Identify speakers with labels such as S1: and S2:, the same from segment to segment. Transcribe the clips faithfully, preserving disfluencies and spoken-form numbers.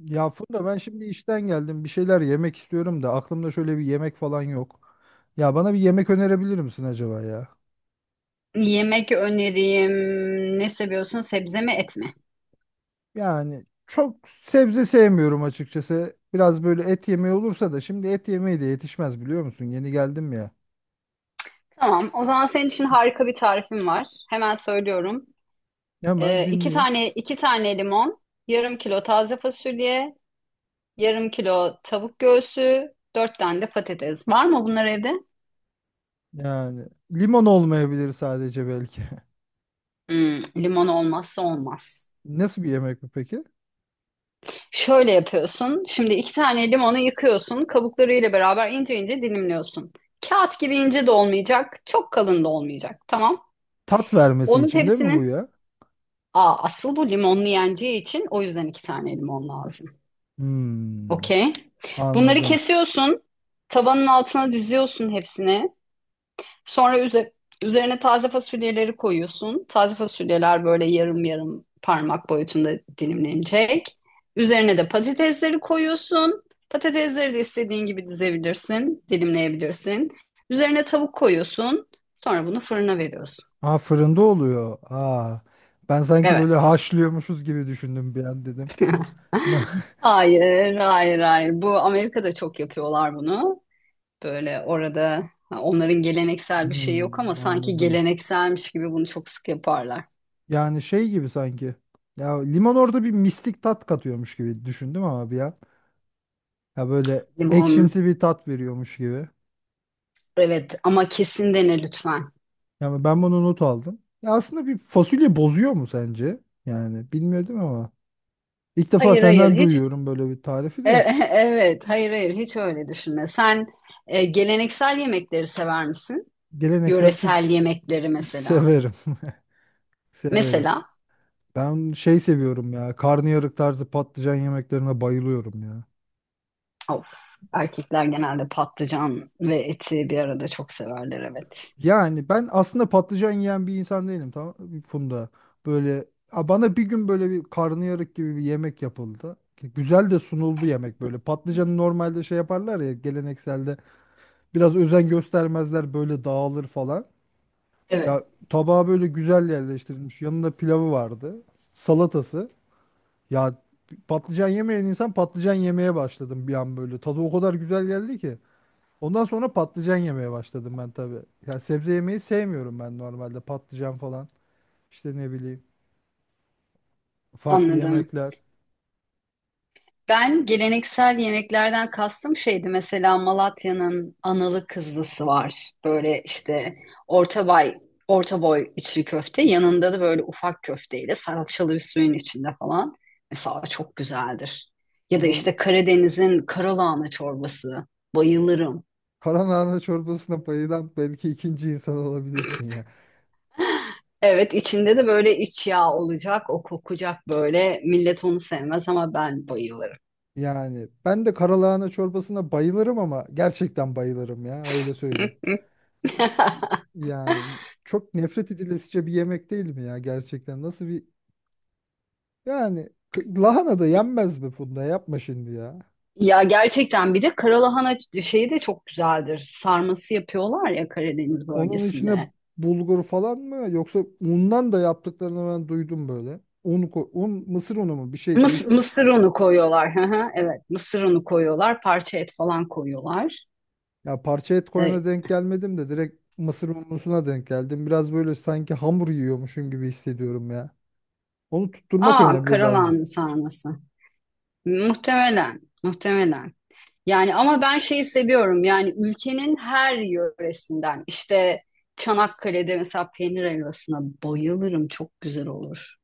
S1: Ya Funda ben şimdi işten geldim. Bir şeyler yemek istiyorum da aklımda şöyle bir yemek falan yok. Ya bana bir yemek önerebilir misin acaba ya?
S2: Yemek öneriyim. Ne seviyorsun? Sebze mi, et mi?
S1: Yani çok sebze sevmiyorum açıkçası. Biraz böyle et yemeği olursa da şimdi et yemeği de yetişmez biliyor musun? Yeni geldim ya.
S2: Tamam. O zaman senin için harika bir tarifim var. Hemen söylüyorum.
S1: Hemen
S2: Ee, iki
S1: dinleyeyim.
S2: tane iki tane limon, yarım kilo taze fasulye, yarım kilo tavuk göğsü, dört tane de patates. Var mı bunlar evde?
S1: Yani limon olmayabilir sadece belki.
S2: Hmm, limon olmazsa olmaz.
S1: Nasıl bir yemek bu peki?
S2: Şöyle yapıyorsun. Şimdi iki tane limonu yıkıyorsun. Kabuklarıyla beraber ince ince dilimliyorsun. Kağıt gibi ince de olmayacak, çok kalın da olmayacak. Tamam.
S1: Tat vermesi
S2: Onun
S1: için değil mi bu
S2: hepsinin
S1: ya?
S2: aa, asıl bu limonlu yeneceği için o yüzden iki tane limon lazım.
S1: Hmm,
S2: Okey. Bunları
S1: anladım.
S2: kesiyorsun. Tabanın altına diziyorsun hepsini. Sonra üze- üzerine taze fasulyeleri koyuyorsun. Taze fasulyeler böyle yarım yarım parmak boyutunda dilimlenecek. Üzerine de patatesleri koyuyorsun. Patatesleri de istediğin gibi dizebilirsin, dilimleyebilirsin. Üzerine tavuk koyuyorsun. Sonra bunu fırına veriyorsun.
S1: Ha fırında oluyor. Aa, ben sanki
S2: Evet.
S1: böyle haşlıyormuşuz gibi düşündüm bir an dedim.
S2: Hayır, hayır, hayır. Bu Amerika'da çok yapıyorlar bunu. Böyle orada ha, onların geleneksel bir şey yok ama
S1: Hmm,
S2: sanki
S1: anladım.
S2: gelenekselmiş gibi bunu çok sık yaparlar.
S1: Yani şey gibi sanki. Ya limon orada bir mistik tat katıyormuş gibi düşündüm ama bir an. Ya böyle
S2: Limon.
S1: ekşimsi bir tat veriyormuş gibi.
S2: Evet ama kesin dene lütfen.
S1: Yani ben bunu not aldım. Ya aslında bir fasulye bozuyor mu sence? Yani bilmiyordum ama. İlk defa
S2: Hayır, hayır,
S1: senden
S2: hiç.
S1: duyuyorum böyle bir tarifi
S2: E-
S1: de.
S2: e- evet, hayır, hayır, hiç öyle düşünme. Sen e, geleneksel yemekleri sever misin?
S1: Geleneksel Türk.
S2: Yöresel yemekleri mesela.
S1: Severim. Severim.
S2: Mesela,
S1: Ben şey seviyorum ya. Karnıyarık tarzı patlıcan yemeklerine bayılıyorum ya.
S2: of, erkekler genelde patlıcan ve eti bir arada çok severler, evet.
S1: Yani ben aslında patlıcan yiyen bir insan değilim tamam mı Funda. Böyle a, bana bir gün böyle bir karnıyarık gibi bir yemek yapıldı. Ki güzel de sunuldu yemek böyle. Patlıcanı normalde şey yaparlar ya gelenekselde biraz özen göstermezler böyle dağılır falan.
S2: Evet.
S1: Ya tabağa böyle güzel yerleştirilmiş. Yanında pilavı vardı. Salatası. Ya patlıcan yemeyen insan patlıcan yemeye başladım bir an böyle. Tadı o kadar güzel geldi ki. Ondan sonra patlıcan yemeye başladım ben tabii. Ya sebze yemeyi sevmiyorum ben normalde. Patlıcan falan. İşte ne bileyim. Farklı
S2: Anladım.
S1: yemekler.
S2: Ben geleneksel yemeklerden kastım şeydi, mesela Malatya'nın analı kızlısı var. Böyle işte orta boy, orta boy içli köfte, yanında da böyle ufak köfteyle salçalı bir suyun içinde falan. Mesela çok güzeldir. Ya da
S1: Anıl
S2: işte Karadeniz'in karalahana çorbası. Bayılırım.
S1: karalahana çorbasına bayılan belki ikinci insan olabilirsin ya.
S2: Evet, içinde de böyle iç yağ olacak, o kokacak böyle. Millet onu sevmez ama ben bayılırım.
S1: Yani ben de karalahana çorbasına bayılırım ama gerçekten bayılırım ya öyle söyleyeyim. Yani çok nefret edilesice bir yemek değil mi ya gerçekten? Nasıl bir, yani k- lahana da yenmez mi Funda? Yapma şimdi ya.
S2: Ya gerçekten bir de karalahana şeyi de çok güzeldir. Sarması yapıyorlar ya Karadeniz
S1: Onun içine
S2: bölgesinde.
S1: bulgur falan mı yoksa undan da yaptıklarını ben duydum böyle. Un, ko- un, mısır unu mu, bir şey
S2: Mıs
S1: değiş.
S2: mısır unu koyuyorlar. Hı hı, evet, mısır unu koyuyorlar. Parça et falan koyuyorlar.
S1: Ya parça et
S2: E,
S1: koyana denk gelmedim de direkt mısır unlusuna denk geldim. Biraz böyle sanki hamur yiyormuşum gibi hissediyorum ya. Onu tutturmak
S2: aa,
S1: önemli bence.
S2: karalahana sarması. Muhtemelen, muhtemelen. Yani ama ben şeyi seviyorum. Yani ülkenin her yöresinden. İşte Çanakkale'de mesela peynir helvasına bayılırım. Çok güzel olur.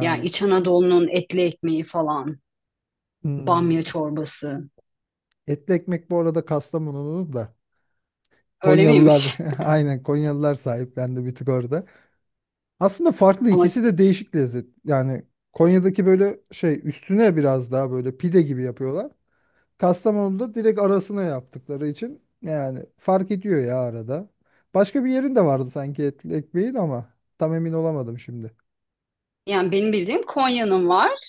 S2: Yani İç Anadolu'nun etli ekmeği falan. Bamya
S1: hmm.
S2: çorbası.
S1: Etli ekmek bu arada Kastamonu'nun da.
S2: Öyle
S1: Konyalılar
S2: miymiş?
S1: aynen Konyalılar sahiplendi bir tık orada. Aslında farklı,
S2: Ama
S1: ikisi de değişik lezzet. Yani Konya'daki böyle şey üstüne biraz daha böyle pide gibi yapıyorlar. Kastamonu'da direkt arasına yaptıkları için yani fark ediyor ya arada. Başka bir yerin de vardı sanki etli ekmeğin ama tam emin olamadım şimdi.
S2: yani benim bildiğim Konya'nın var.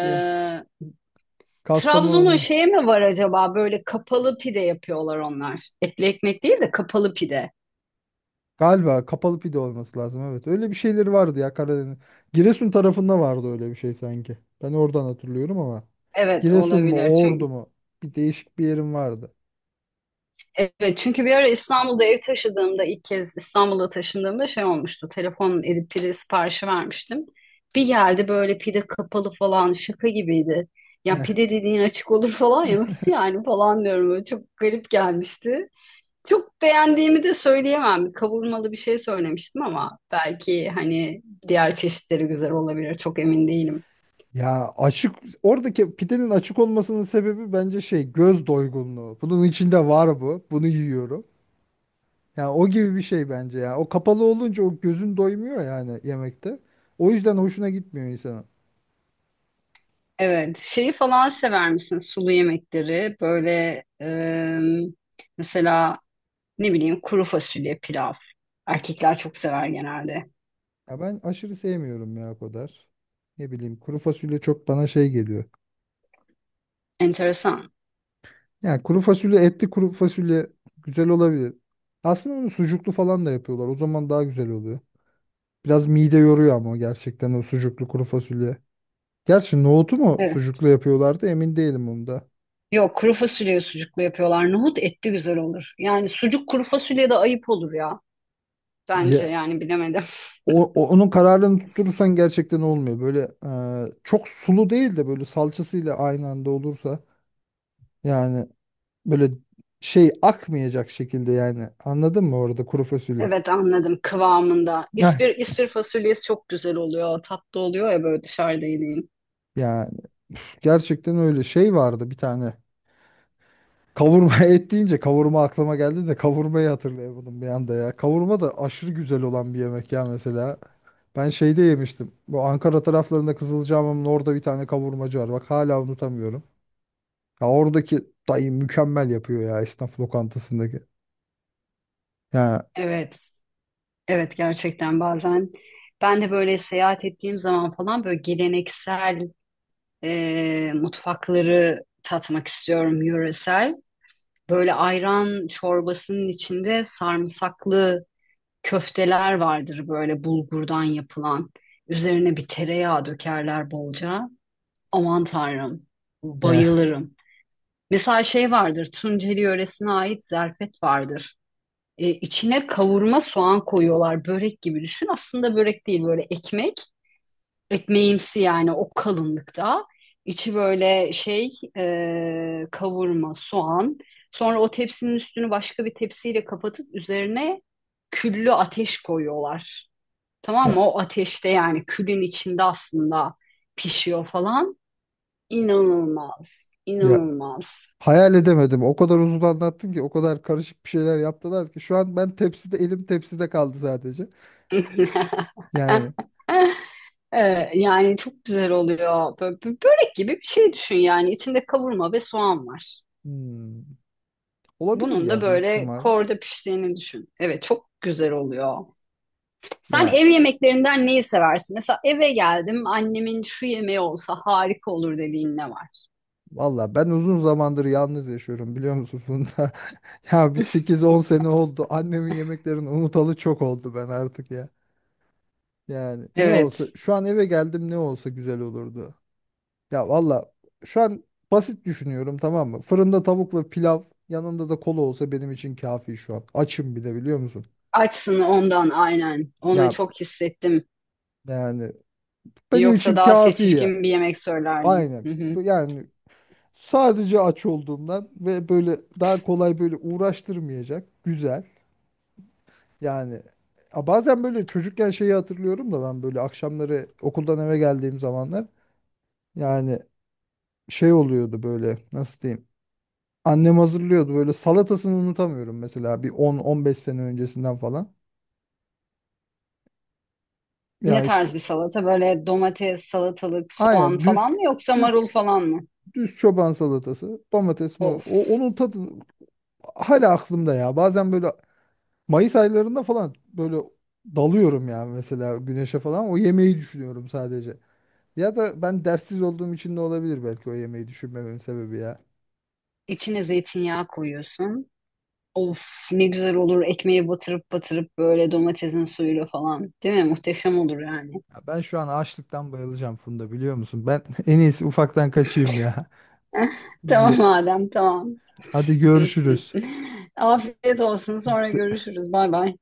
S1: Ya,
S2: Trabzon'un
S1: Kastamonu'nun
S2: şeye mi var acaba? Böyle kapalı pide yapıyorlar onlar. Etli ekmek değil de kapalı pide.
S1: galiba kapalı pide olması lazım evet. Öyle bir şeyleri vardı ya Karadeniz. Giresun tarafında vardı öyle bir şey sanki. Ben oradan hatırlıyorum ama
S2: Evet,
S1: Giresun mu
S2: olabilir.
S1: Ordu
S2: Çünkü
S1: mu, bir değişik bir yerim vardı.
S2: evet, çünkü bir ara İstanbul'da ev taşıdığımda, ilk kez İstanbul'a taşındığımda şey olmuştu. Telefon edip pide siparişi vermiştim. Bir geldi böyle, pide kapalı falan, şaka gibiydi. Ya pide dediğin açık olur falan, ya nasıl yani falan diyorum. Böyle çok garip gelmişti. Çok beğendiğimi de söyleyemem. Bir kavurmalı bir şey söylemiştim ama belki hani diğer çeşitleri güzel olabilir. Çok emin değilim.
S1: Ya açık, oradaki pidenin açık olmasının sebebi bence şey, göz doygunluğu. Bunun içinde var bu. Bunu yiyorum. Yani o gibi bir şey bence ya. O kapalı olunca o gözün doymuyor yani yemekte. O yüzden hoşuna gitmiyor insana.
S2: Evet, şeyi falan sever misin? Sulu yemekleri böyle, e, mesela ne bileyim kuru fasulye pilav. Erkekler çok sever genelde.
S1: Ya ben aşırı sevmiyorum ya o kadar. Ne bileyim kuru fasulye çok bana şey geliyor.
S2: Enteresan.
S1: Yani kuru fasulye, etli kuru fasulye güzel olabilir. Aslında onu sucuklu falan da yapıyorlar. O zaman daha güzel oluyor. Biraz mide yoruyor ama o, gerçekten o sucuklu kuru fasulye. Gerçi nohutu mu
S2: Evet.
S1: sucuklu yapıyorlardı emin değilim onda.
S2: Yok, kuru fasulyeyi sucuklu yapıyorlar. Nohut etli güzel olur. Yani sucuk kuru fasulyede ayıp olur ya. Bence
S1: Ya,
S2: yani, bilemedim.
S1: o, o- onun kararını tutturursan gerçekten olmuyor. Böyle e, çok sulu değil de böyle salçasıyla aynı anda olursa, yani böyle şey akmayacak şekilde, yani anladın mı orada kuru fasulye?
S2: Evet, anladım, kıvamında.
S1: Heh,
S2: İspir, ispir fasulyesi çok güzel oluyor. Tatlı oluyor ya, böyle dışarıda yediğin.
S1: yani üf, gerçekten öyle şey vardı bir tane. Kavurma, et deyince kavurma aklıma geldi de kavurmayı hatırlayamadım bir anda ya. Kavurma da aşırı güzel olan bir yemek ya mesela. Ben şeyde yemiştim. Bu Ankara taraflarında Kızılcahamam'ın orada bir tane kavurmacı var. Bak hala unutamıyorum. Ya oradaki dayı mükemmel yapıyor ya, esnaf lokantasındaki. Ya
S2: Evet. Evet gerçekten bazen ben de böyle seyahat ettiğim zaman falan böyle geleneksel e, mutfakları tatmak istiyorum, yöresel. Böyle ayran çorbasının içinde sarımsaklı köfteler vardır, böyle bulgurdan yapılan. Üzerine bir tereyağı dökerler bolca. Aman Tanrım,
S1: ya
S2: bayılırım. Mesela şey vardır, Tunceli yöresine ait zerfet vardır. E, içine kavurma soğan koyuyorlar, börek gibi düşün. Aslında börek değil, böyle ekmek, ekmeğimsi, yani o kalınlıkta. İçi böyle şey, e, kavurma, soğan. Sonra o tepsinin üstünü başka bir tepsiyle kapatıp üzerine küllü ateş koyuyorlar. Tamam
S1: ya,
S2: mı? O ateşte, yani külün içinde aslında pişiyor falan. İnanılmaz,
S1: ya.
S2: inanılmaz.
S1: Hayal edemedim. O kadar uzun anlattın ki, o kadar karışık bir şeyler yaptılar ki şu an ben tepside, elim tepside kaldı sadece. Yani
S2: Ee, yani çok güzel oluyor. Böyle, börek gibi bir şey düşün yani. İçinde kavurma ve soğan var.
S1: hmm, olabilir
S2: Bunun da
S1: ya, büyük
S2: böyle
S1: ihtimal.
S2: korda piştiğini düşün. Evet, çok güzel oluyor. Sen
S1: Ya
S2: ev yemeklerinden neyi seversin? Mesela, eve geldim, annemin şu yemeği olsa harika olur dediğin ne var?
S1: valla ben uzun zamandır yalnız yaşıyorum biliyor musun Funda? Ya bir sekiz on sene oldu. Annemin yemeklerini unutalı çok oldu ben artık ya. Yani ne olsa
S2: Evet.
S1: şu an, eve geldim ne olsa güzel olurdu. Ya valla şu an basit düşünüyorum tamam mı? Fırında tavuk ve pilav, yanında da kola olsa benim için kafi şu an. Açım bir de biliyor musun?
S2: Açsın ondan, aynen. Onu
S1: Ya
S2: çok hissettim.
S1: yani benim
S2: Yoksa
S1: için
S2: daha
S1: kafi ya.
S2: seçişkin bir yemek söylerdim.
S1: Aynen.
S2: Hı hı.
S1: Yani sadece aç olduğumdan ve böyle daha kolay, böyle uğraştırmayacak. Güzel. Yani a, bazen böyle çocukken şeyi hatırlıyorum da, ben böyle akşamları okuldan eve geldiğim zamanlar, yani şey oluyordu böyle, nasıl diyeyim? Annem hazırlıyordu böyle, salatasını unutamıyorum mesela, bir on on beş sene öncesinden falan.
S2: Ne
S1: Ya işte
S2: tarz bir salata? Böyle domates, salatalık, soğan
S1: aynen düz
S2: falan mı, yoksa
S1: düz
S2: marul falan mı?
S1: düz çoban salatası, domates mi
S2: Of.
S1: o, onun tadı hala aklımda ya. Bazen böyle Mayıs aylarında falan böyle dalıyorum ya, mesela güneşe falan, o yemeği düşünüyorum sadece. Ya da ben derssiz olduğum için de olabilir belki o yemeği düşünmememin sebebi ya.
S2: İçine zeytinyağı koyuyorsun. Of, ne güzel olur ekmeğe batırıp batırıp, böyle domatesin suyuyla falan. Değil mi? Muhteşem olur yani.
S1: Ya ben şu an açlıktan bayılacağım Funda biliyor musun? Ben en iyisi ufaktan kaçayım ya. Bir,
S2: Tamam Adem, tamam.
S1: hadi görüşürüz.
S2: Afiyet olsun, sonra görüşürüz. Bay bay.